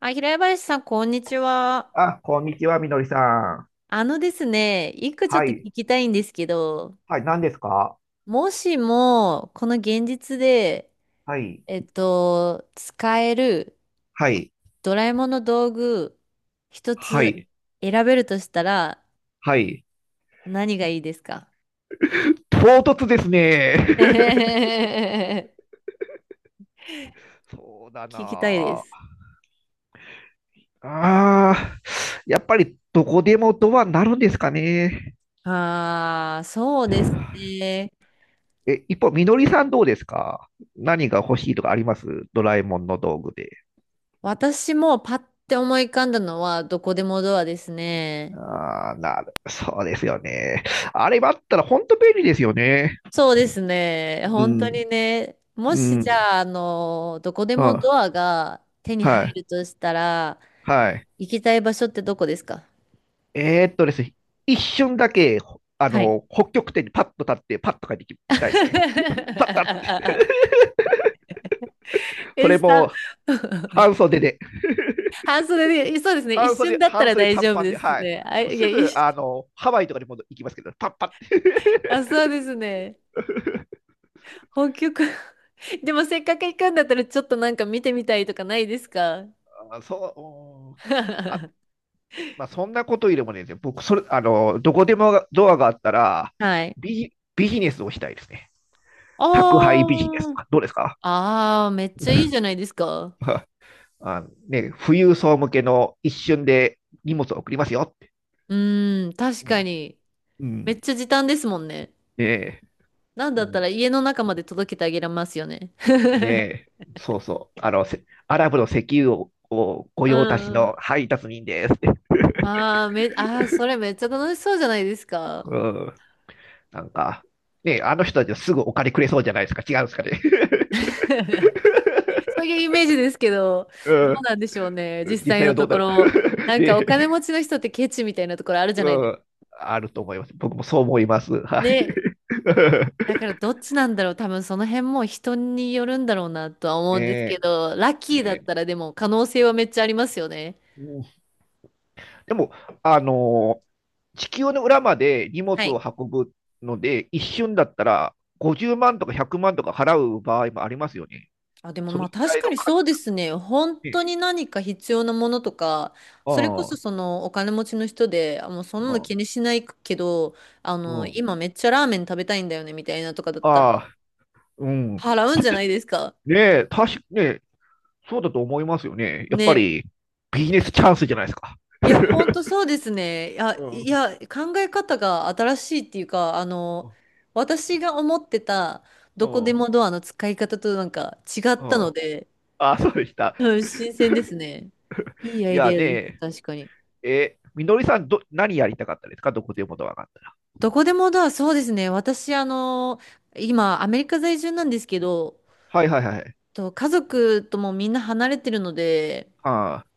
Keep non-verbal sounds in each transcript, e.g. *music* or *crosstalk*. あ、平林さん、こんにちは。あ、こんにちは、みのりさん。あのですね、一個ちょはっとい。聞きたいんですけど、はい、何ですか？もしも、この現実で、はい。使えるはい。ドラえもんの道具、一はつい。選べるとしたら、はい。何がいいですか？ *laughs* 唐突ですね。*laughs* *laughs* そうだな聞きたいです。あ。ああ、やっぱりどこでもドアになるんですかね。ああ、そうですね。え、一方、みのりさんどうですか？何が欲しいとかあります？ドラえもんの道具で。私もパッて思い浮かんだのは、どこでもドアですね。ああ、なる、そうですよね。あれがあったら本当便利ですよね。そうですね。う本当ん、にね、もうしじん、ゃあ、どこでうもん、ドアが手には入い、るとしたら、はい。行きたい場所ってどこですか？ですね、一瞬だけ、ほあはい。の、北極点にパッと立って、パッと帰ってきたいですね。パッパッって。*laughs* *laughs* そえ、れさ、も、*laughs* 半袖で、半袖で、そうですね。一瞬だった半ら袖大短丈夫パンでで、すはい。ね。あ、もういすや、一ぐ、瞬ハワイとかにも行きますけどね、パッパッって。あ、そうですね。*laughs* 北極。*laughs* でもせっかく行くんだったら、ちょっとなんか見てみたいとかないですか？ あそう、うん。あ、*laughs* まあ、そんなことよりもね、僕、それ、どこでもドアがあったら、はい。ビジネスをしたいですね。宅配ビジネスとあか、どうですか？ あ、ああ、めっちゃいいじゃない *laughs* ですか。あのね、富裕層向けの一瞬で荷物を送りますよって。うーん、確うかんに。うめっん。ちゃ時短ですもんね。ねえ、なんうだったん。ら家の中まで届けてあげられますよね。ね *laughs* え、そうそう。あの、せアラブの石油を、御う用達んうのん。配達人ですって。まあ、ああ、それめっちゃ楽しそうじゃないですか。うん。なんか、ねえ、あの人たちはすぐお金くれそうじゃないですか。違うんですかね。そういうイメージですけど、ど *laughs* ううん。なんでしょうね、実実際際のはどうとなこる？ ろ。*laughs* なんかおで、金持ちの人ってケチみたいなところあるじゃうないですか。ん。あると思います。僕もそう思います。はい。ね、だ *laughs* からどっちなんだろう、多分その辺も人によるんだろうなとは思ねうんですえ、けど、ラッキーだっねたらでも可能性はめっちゃありますよね。え。でも、あの、地球の裏まで荷は物い。を運ぶので、一瞬だったら50万とか100万とか払う場合もありますよね。あ、でもそのまあぐら確いかのに価そうですね。本値。当に何か必要なものとか、それこあそあ、そのお金持ちの人で、あ、もうそんなのう気にしないけど、ん、うん。今めっちゃラーメン食べたいんだよねみたいなとかだったら、ああ、うん。払うんじゃないですか。ねえ、確かね、そうだと思いますよね。やっぱね。りビジネスチャンスじゃないですか。いや、本 *laughs* 当そうですね。いうや、いん、や、考え方が新しいっていうか、私が思ってたうどこでん、もドアの使い方となんか違っうたのん。で、ああ、そうでした。うん、新鮮ですね。いいアいイやデアです。ね確かに。え、え、みのりさんど、何やりたかったですか？どこでもドアがあったら。どこでもだ、そうですね。私、今、アメリカ在住なんですけど、はいはいはい。と家族ともみんな離れてるので、ああ、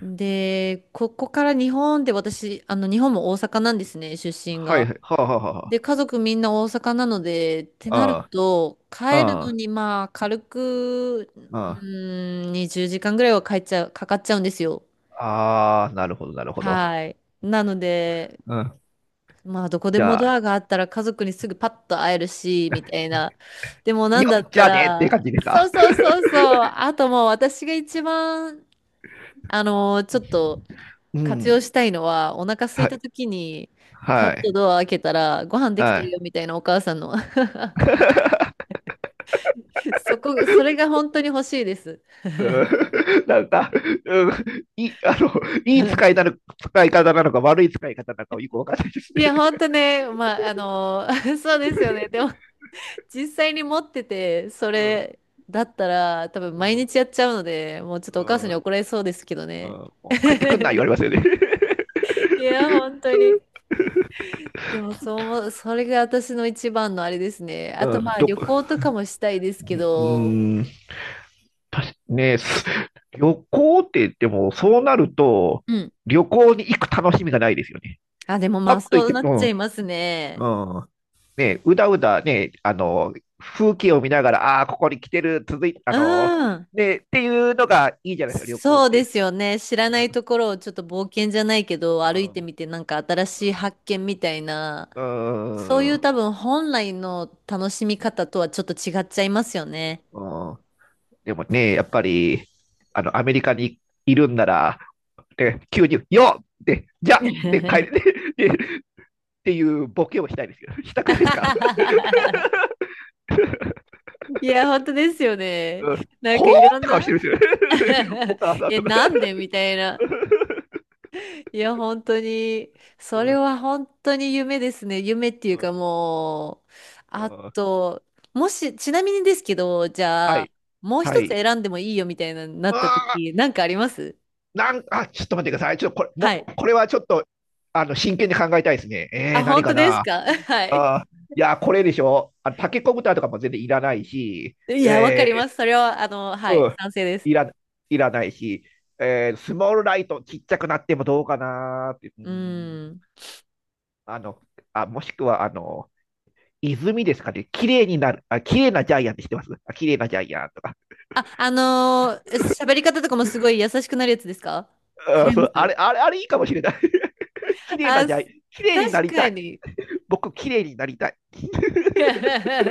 で、ここから日本で私、日本も大阪なんですね、出身はいが。はい。はあはあはで、家族みんな大阪なので、ってあ。なると、あ帰るあ。のあに、まあ、軽く、うあ、あ20時間ぐらいは帰っちゃう、かかっちゃうんですよ。あ、ああなるほど、なるほど。はい。なので、うん。まあ、どこでじもゃドあ、アがあったら家族にすぐパッと会えるし、みたいな。でも、なんよだっ、っじたゃあねってら、感じですそか？うそうそうそう。あともう私が一番、ちょっとう活用ん。したいのは、お腹空いはたい、時に、パッはとい、ドア開けたら、ご飯できてはるい。よ、みたいなお母さんの。*laughs* それが本当に欲しいです。うん。 *laughs* なんか、うん、いい、いい使いな *laughs* の、使い方なのか、悪い使い方なのか、よくわかんないですいね。や、本当ね、まあ、*laughs* そうですよね。でも、実際に持ってて、そうん、れだったら多分う毎ん、日やっちゃうので、もうちょっとうお母さん、んうん。に怒られそうですけどね。もう帰ってくんな、言われますよね。いや、本当に。でもそう思う、それが私の一番のあれですね。*laughs* あうとん、まあど旅こ、行とかもしたいですけうーど、ん、たし、ね、す旅行って言っても、そうなると、うん。旅行に行く楽しみがないですよね。あ、でもまパあッと行っそうて、なうっちん、ゃいますね。うん。ね、うだうだね、風景を見ながら、ああー、ここに来てる、続いあうの、ん。ね、っていうのがいいじゃないですか、旅行っそうでて。すよね。知らうないんところをちょっと冒険じゃないけど、う歩いんてうん。みてなんか新しい発見みたいな、うそういうん。多分本来の楽しみ方とはちょっと違っちゃいますよね。うん。でもね、やっぱり、アメリカにいるんなら、で急に、よっでじゃっで、帰って、*laughs* い *laughs* で、でっていうボケをしたいですよ。したくないですか？や、本当ですよね。うん。なんほかーいろっんて顔してるな んですよ。*laughs* お *laughs* 母さいんや、とか。*laughs* なんでみたいな。いや、本当に、うそれん。は本当に夢ですね。夢っていううん。かもう、うあん。と、もし、ちなみにですけど、じはゃあ、い。もうは一つい。選んでもいいよみたいな、なったあ時、なんかあります？なん、あ、ちょっと待ってください。ちょっとこれ、はもい。う、これはちょっと、真剣に考えたいですね。あ、何本か当ですな。か？ *laughs* はい。あー、いや、これでしょ。あの、タケコプターとかも全然いらないし、いや、わかえります。それは、ー、はい、うん、賛成です。いら、いらないし、えー、スモールライトちっちゃくなってもどうかなーって、ううん、ん。あの、あ、もしくは、あの、泉ですかね。綺麗になる、あ、綺麗なジャイアンって知ってます？あ、綺麗なジャイアンとか。あ、喋り方とかもすごい優しくなるやつですか？違うん、いそまう、あれ、す？あれ、あれいいかもしれない。*laughs* 綺麗なあ、ジャイ、綺麗にな確りたかい。に。僕、綺麗になりたい。*laughs*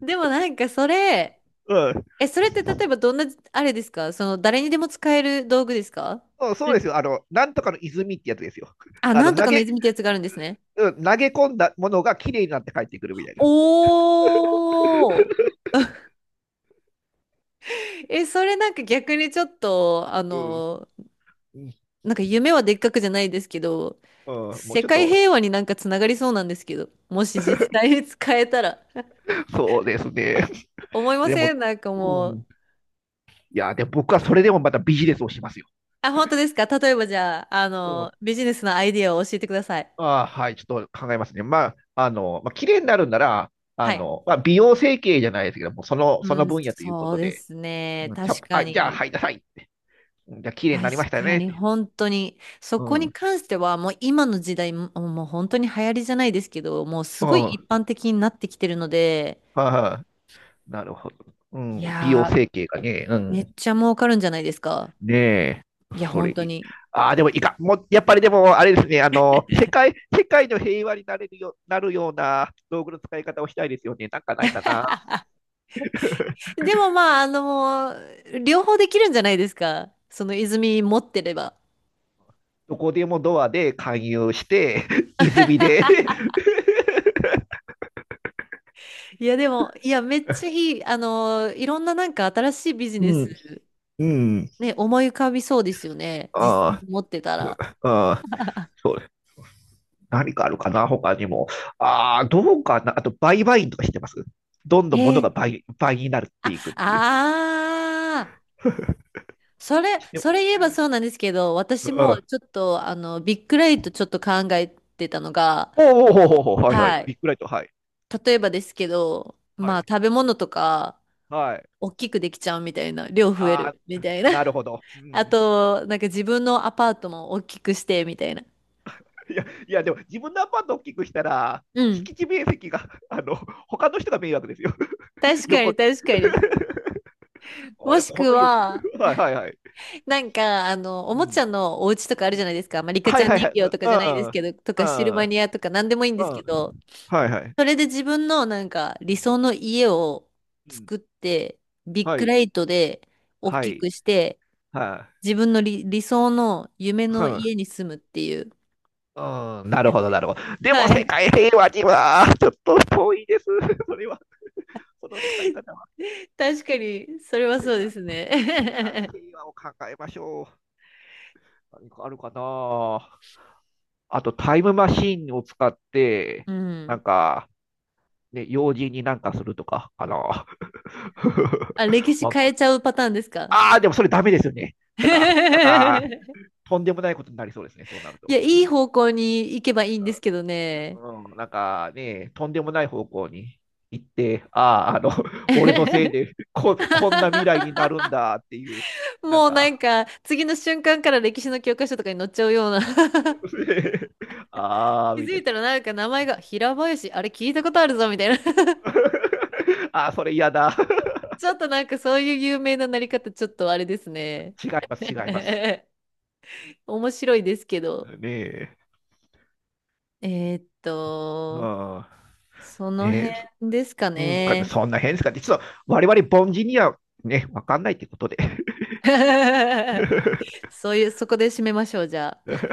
でもなんかそれ、うん、え、それって例えばどんな、あれですか？その誰にでも使える道具ですか？そうそそうれですよ。あの、なんとかの泉ってやつですよ。*laughs* あ、あなの、んと投かのげ、泉ってやつがあるんですね。うん、投げ込んだものが綺麗になって帰ってくるみたいな。おー。え、それなんか逆にちょっと、うん。うん、なんか夢はでっかくじゃないですけど、うん、もう世ちょっ界と、平和になんかつながりそうなんですけど、もし実際に使えたら。そうですね。*laughs* 思いまでせも、ん？なんかうもう。ん。いや、で、僕はそれでもまたビジネスをしますよ。あ、本当ですか？例えばじゃあ、うん。ビジネスのアイディアを教えてください。ああ、はい、ちょっと考えますね。まあ、あの、まあ、綺麗になるんなら、あはい。の、まあ、美容整形じゃないですけども、その、そのうん、分野というこそうとでで、すね。うん、ちゃ確かあ、じゃあ、はに。い、なさい。うん、じゃあ、綺麗に確なりましたかねっに、て。本当に。そうこにん。関しては、もう今の時代、もう本当に流行りじゃないですけど、もうすうん。ごいは一般的になってきてるので、いはい、なるほど。ういん、美容や整形がね、うー、めっん。ちゃ儲かるんじゃないですか。ねえ、いや、それ本い当い。に。ああ、でもいいか。もう、やっぱりでも、あれですね、あの、世界の平和になれるよ、なるような道具の使い方をしたいですよね。なんかないかな。でもまあ、両方できるんじゃないですか。その泉持ってれば。どこでもドアで勧誘して、*laughs* 泉で *laughs* いや、でも、いや、めっちゃいい。いろんななんか新しいビ *laughs* ジうネん、ス、うん。ね、思い浮かびそうですよね。実際あに持ってたら。あ、ああ、そうです。何かあるかな、他にも。ああ、どうかな。あと、売買員とかしてます？どんどん物がえ倍になっていくっていう。ああー、*laughs* それ言えばそうなんですけど、私うもん、ちょっと、ビッグライトちょっと考えてたのが、おおおおおお、はいはい。はビい。ッグライト、はい。例えばですけど、はまあ、い。食べ物とか、はい。大きくできちゃうみたいな、量増えあるみあ、たいな。*laughs* なるほど。うあん。と、なんか自分のアパートも大きくしてみたいな。いや、いや、でも自分のアパート大きくしたら、うん。敷地面積が、あの、他の人が迷惑ですよ。*laughs* 確か横。に、*laughs* 確かに。あもれ、しこくの横。は、*laughs* はいはいはい。なんか、おうもちん。ゃのお家とかあうるじん、ゃないですか。まあ、リカちはゃいんはいは人い。形とかうじゃないでん。すうん。けど、とかシルバうニアとかなんでん。もいいんですうけん、ど、はいはい。それで自分のなんかう理ん。想の家をうん、作って、ビッはグい。ライトで大はきい。くして、はい。自分の理想の夢うのん。家に住むっていう。うん。なるほど、なるほど。でも、は世い。界平和には、ちょっと遠いです。*laughs* それは、その使い *laughs* 方は。確かに、それは世そう界です世界ね。平和を考えましょう。何かあるかな？あと、タイムマシンを使っ *laughs* て、うなん。んか、ね、用心になんかするとか、かな。*laughs* あ、歴史ま変えちゃうパターンですか？ あ、あー、でもそれダメですよね。なんか、*laughs* とんでもないことになりそうですね、そうなるいと。や、いい方向に行けばいいんですけどね。うん、なんかね、とんでもない方向に行って、ああ、あの、*laughs* 俺のせいで *laughs* こ、こんな未来になるんだっていう、なんもうなんか、か、次の瞬間から歴史の教科書とかに載っちゃうような *laughs* *laughs* ああ、気みづたいいな。たらなんか名前が平林、あれ聞いたことあるぞみたいな *laughs* *laughs* あー、それ嫌だ。*laughs* ちょっとなんかそういう有名ななり方、ちょっとあれですね。違います。*laughs* 面白いですけど。ねえ。えーっと、ああそのねえ。辺ですかうんかね、ね。そんな変ですかね。実は我々凡人にはね、わかんないってことで。*laughs* *laughs* そういう、そこで締めましょう、じゃあ。